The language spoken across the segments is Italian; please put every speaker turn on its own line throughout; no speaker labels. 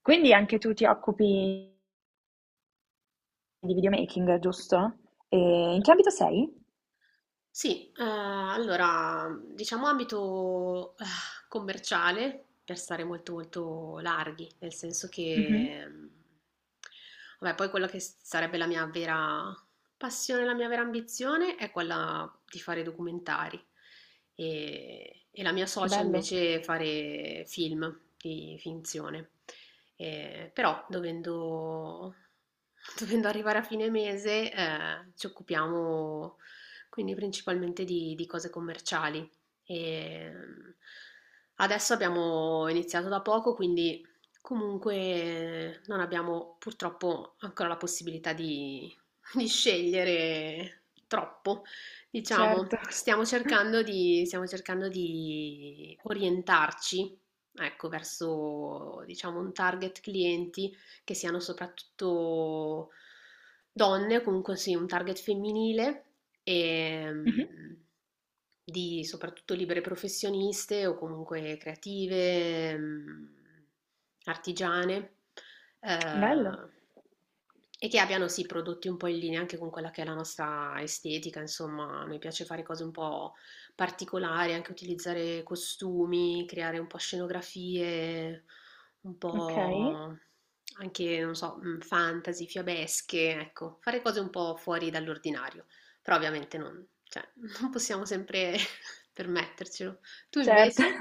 Quindi anche tu ti occupi di videomaking, giusto? E in che ambito sei?
Sì, allora diciamo ambito commerciale per stare molto molto larghi, nel senso
Mh-mh.
che vabbè, poi quella che sarebbe la mia vera passione, la mia vera ambizione è quella di fare documentari e la mia
Che
socia
bello,
invece fare film di finzione. Però dovendo arrivare a fine mese ci occupiamo quindi principalmente di cose commerciali. E adesso abbiamo iniziato da poco, quindi comunque non abbiamo purtroppo ancora la possibilità di scegliere troppo, diciamo.
certo.
Stiamo cercando di orientarci, ecco, verso, diciamo, un target clienti che siano soprattutto donne, comunque sì, un target femminile e
Mh-mh,
di soprattutto libere professioniste o comunque creative, artigiane,
bello,
eh, e che abbiano sì prodotti un po' in linea anche con quella che è la nostra estetica, insomma, a noi piace fare cose un po' particolari, anche utilizzare costumi, creare un po' scenografie un
okay.
po' anche, non so, fantasy, fiabesche, ecco, fare cose un po' fuori dall'ordinario, però ovviamente non, cioè, non possiamo sempre permettercelo. Tu
Certo.
invece?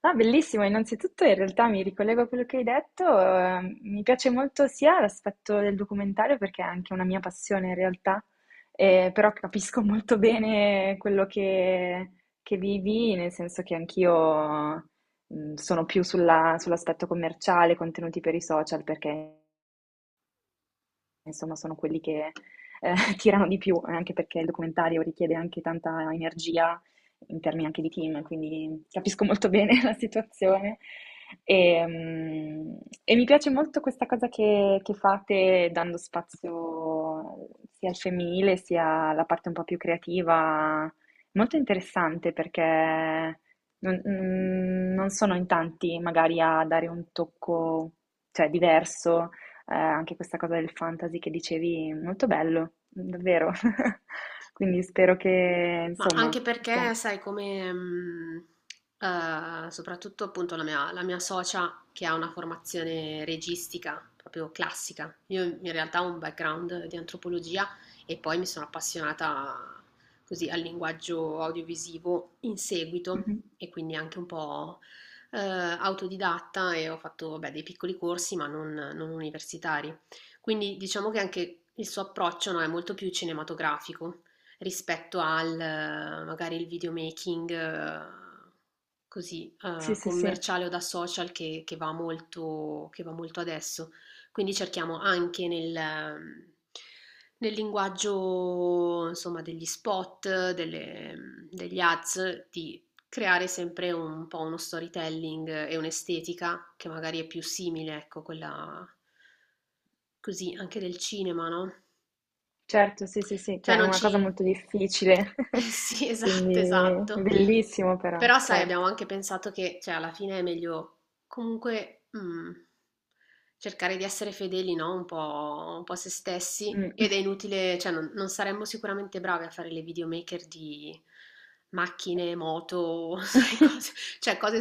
Ah, bellissimo. Innanzitutto in realtà mi ricollego a quello che hai detto, mi piace molto sia l'aspetto del documentario perché è anche una mia passione in realtà, però capisco molto bene quello che vivi, nel senso che anch'io sono più sull'aspetto commerciale, contenuti per i social, perché insomma, sono quelli che, ehm, tirano di più, anche perché il documentario richiede anche tanta energia in termini anche di team, quindi capisco molto bene la situazione. Ehm, e mi piace molto questa cosa che fate dando spazio sia al femminile, sia alla parte un po' più creativa. Molto interessante perché non sono in tanti magari a dare un tocco, cioè diverso, anche questa cosa del fantasy che dicevi, molto bello, davvero. Quindi spero che,
Ma
insomma,
anche perché,
pian-
sai, come soprattutto appunto la mia socia che ha una formazione registica proprio classica. Io in realtà ho un background di antropologia e poi mi sono appassionata così al linguaggio audiovisivo in seguito
Mhm.
e quindi anche un po' autodidatta e ho fatto vabbè, dei piccoli corsi ma non universitari. Quindi diciamo che anche il suo approccio, no, è molto più cinematografico rispetto al magari il videomaking così
Sì, sì, sì,
commerciale o da social che va molto adesso. Quindi cerchiamo anche nel linguaggio, insomma, degli spot, degli ads, di creare sempre un po' uno storytelling e un'estetica che magari è più simile, ecco, quella così anche del cinema, no?
certo, sì, sì, sì, che
Cioè
è
non
una cosa
ci
molto difficile,
eh sì, esatto,
quindi
esatto.
bellissimo però,
Però sai, abbiamo
certo.
anche pensato che, cioè, alla fine è meglio comunque cercare di essere fedeli, no? Un po' a se stessi.
Mm.
Ed è inutile, cioè, non saremmo sicuramente bravi a fare le videomaker di macchine, moto, sai, cose, cioè, cose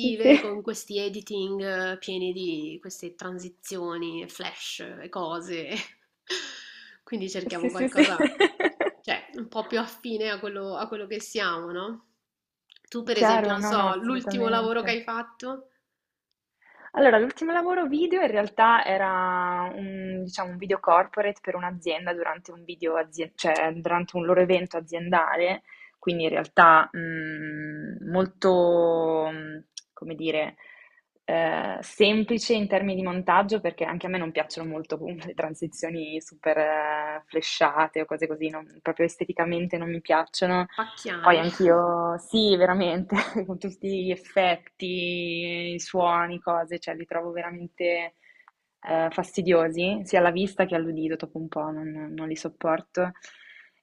Sì, sì,
con questi editing pieni di queste transizioni, flash e cose. Quindi
sì,
cerchiamo
sì, sì.
qualcosa. Cioè, un po' più affine a quello che siamo, no? Tu, per esempio,
Chiaro,
non
no, no,
so, l'ultimo lavoro che
assolutamente.
hai fatto?
Allora, l'ultimo lavoro video in realtà era un, diciamo, un video corporate per un'azienda durante un cioè durante un loro evento aziendale, quindi in realtà come dire, semplice in termini di montaggio, perché anche a me non piacciono molto comunque le transizioni super, flashate o cose così, non proprio esteticamente non mi piacciono. Poi
Pacchiane.
anch'io, sì, veramente, con tutti gli effetti, i suoni, cose, cioè li trovo veramente, fastidiosi, sia alla vista che all'udito, dopo un po' non li sopporto.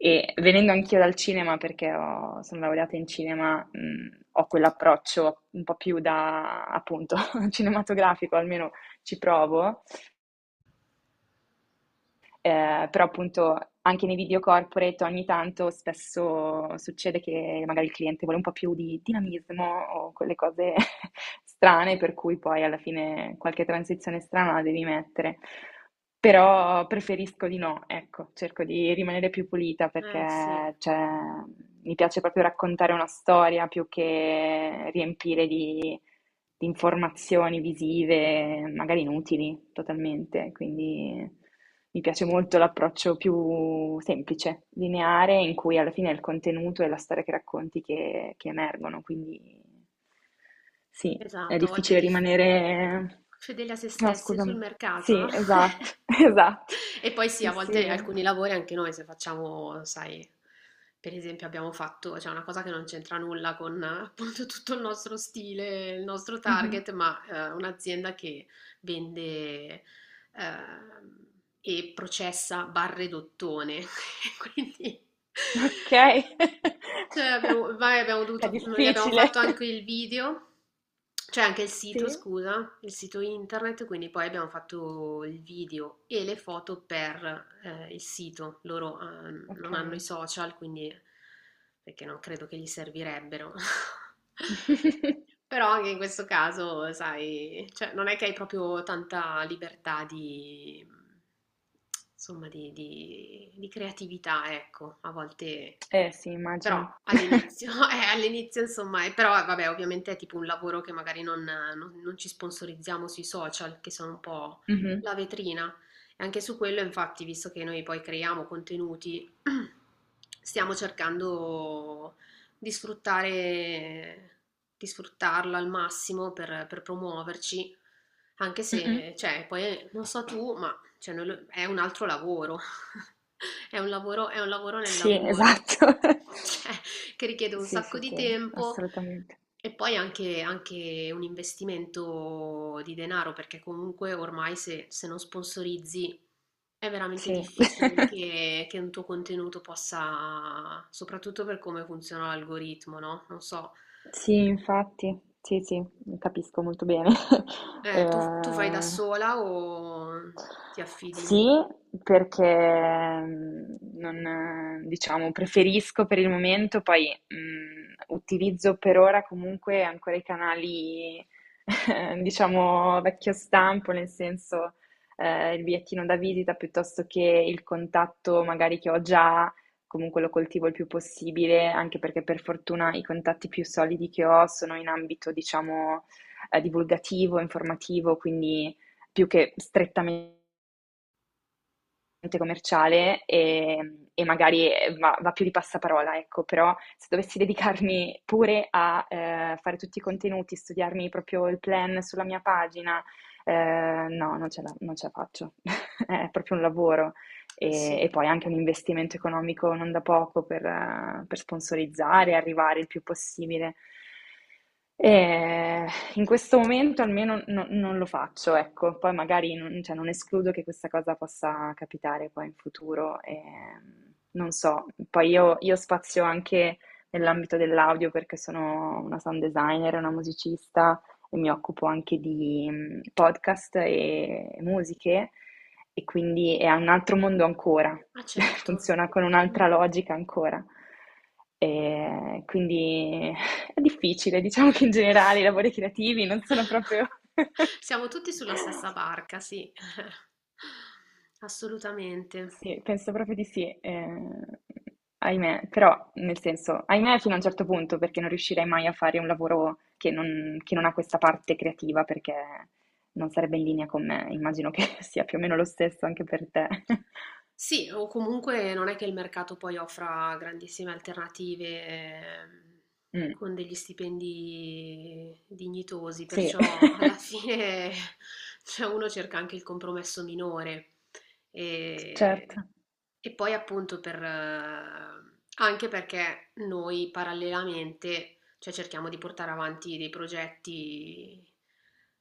E venendo anch'io dal cinema, perché sono laureata in cinema, ho quell'approccio un po' più da, appunto, cinematografico, almeno ci provo, però appunto anche nei video corporate ogni tanto spesso succede che magari il cliente vuole un po' più di dinamismo o quelle cose strane, per cui poi alla fine qualche transizione strana la devi mettere. Però preferisco di no, ecco, cerco di rimanere più pulita
Eh sì,
perché cioè, mi piace proprio raccontare una storia più che riempire di informazioni visive, magari inutili totalmente, quindi mi piace molto l'approccio più semplice, lineare, in cui alla fine è il contenuto e la storia che racconti che emergono, quindi sì, è
esatto, a volte
difficile rimanere...
fedeli a se
No,
stessi sul
scusami.
mercato, no?
Sì, esatto, esatto.
E poi sì,
Sì,
a volte
sì.
alcuni lavori anche noi se facciamo, sai, per esempio abbiamo fatto, cioè una cosa che non c'entra nulla con appunto tutto il nostro stile, il nostro
Mhm.
target, ma un'azienda che vende e processa barre d'ottone, quindi
Ok.
cioè abbiamo vai abbiamo
È
dovuto mhmm, gli abbiamo
difficile.
fatto anche il video, cioè anche il
Sì,
sito scusa, il sito internet, quindi poi abbiamo fatto il video e le foto per, il sito. Loro, non hanno i
ok.
social, quindi perché non credo che gli servirebbero. Però anche in questo caso, sai, cioè non è che hai proprio tanta libertà di insomma di creatività, ecco. A volte
Eh sì,
però
immagino.
all'inizio, all'inizio insomma, però vabbè, ovviamente è tipo un lavoro che magari non ci sponsorizziamo sui social, che sono un po'
Mh-mh.
la vetrina. E anche su quello, infatti, visto che noi poi creiamo contenuti, stiamo cercando di sfruttare, di sfruttarlo al massimo per promuoverci, anche
Mh-mh.
se, cioè, poi non so tu, ma cioè, è un altro lavoro. È un lavoro nel
Sì,
lavoro,
esatto.
cioè, che richiede un
Sì,
sacco
sì,
di
sì,
tempo
assolutamente.
e poi anche, anche un investimento di denaro, perché comunque ormai se non sponsorizzi è veramente
Sì.
difficile che un tuo contenuto possa, soprattutto per come funziona l'algoritmo, no? Non so,
Sì, infatti. Sì, sì, capisco molto bene.
tu fai da
Ehm
sola o ti affidi?
Sì, perché non, diciamo, preferisco per il momento, poi utilizzo per ora comunque ancora i canali, diciamo, vecchio stampo, nel senso, il bigliettino da visita piuttosto che il contatto magari che ho già, comunque lo coltivo il più possibile, anche perché per fortuna i contatti più solidi che ho sono in ambito, diciamo, divulgativo, informativo, quindi più che strettamente commerciale, e magari, va più di passaparola, ecco, però se dovessi dedicarmi pure a, fare tutti i contenuti, studiarmi proprio il plan sulla mia pagina, no, non ce la faccio. È proprio un lavoro
Eh
e
sì,
e poi anche un investimento economico non da poco per, per sponsorizzare, arrivare il più possibile. Ehm In questo momento almeno non lo faccio, ecco, poi magari non, cioè, non escludo che questa cosa possa capitare poi in futuro, non so, poi io spazio anche nell'ambito dell'audio perché sono una sound designer, una musicista e mi occupo anche di podcast e musiche e quindi è un altro mondo ancora,
ma certo.
funziona con
Mm.
un'altra logica ancora. E quindi è difficile, diciamo che in generale i lavori creativi non sono proprio...
Siamo tutti sulla stessa barca, sì. Assolutamente.
Sì, penso proprio di sì, ahimè, però nel senso, ahimè fino a un certo punto perché non riuscirei mai a fare un lavoro che non ha questa parte creativa perché non sarebbe in linea con me, immagino che sia più o meno lo stesso anche per te.
Sì, o comunque non è che il mercato poi offra grandissime alternative
Mm,
con degli stipendi dignitosi,
sì,
perciò alla fine cioè, uno cerca anche il compromesso minore. E,
certo.
e poi appunto per, anche perché noi parallelamente cioè cerchiamo di portare avanti dei progetti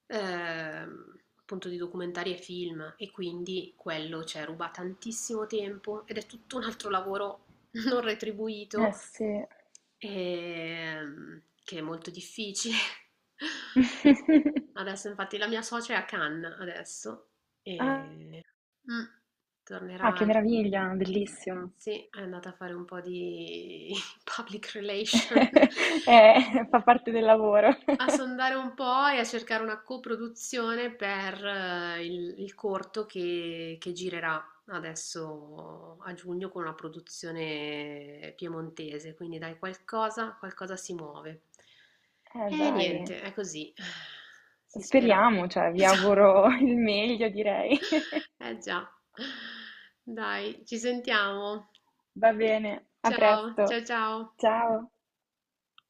appunto di documentari e film e quindi quello ci ruba tantissimo tempo ed è tutto un altro lavoro non
Eh
retribuito
sì.
che è molto difficile. Adesso infatti la mia socia è a Cannes adesso e mm,
Ah, che
tornerà,
meraviglia, bellissimo.
sì, è andata a fare un po' di public relation
Fa parte del lavoro.
a sondare un po' e a cercare una coproduzione per il corto che girerà adesso a giugno con una produzione piemontese, quindi dai, qualcosa, qualcosa si muove. E
Dai,
niente, è così, si spera.
speriamo, cioè vi auguro il meglio, direi.
Eh già, dai, ci sentiamo.
Va bene, a
Ciao,
presto.
ciao, ciao.
Ciao.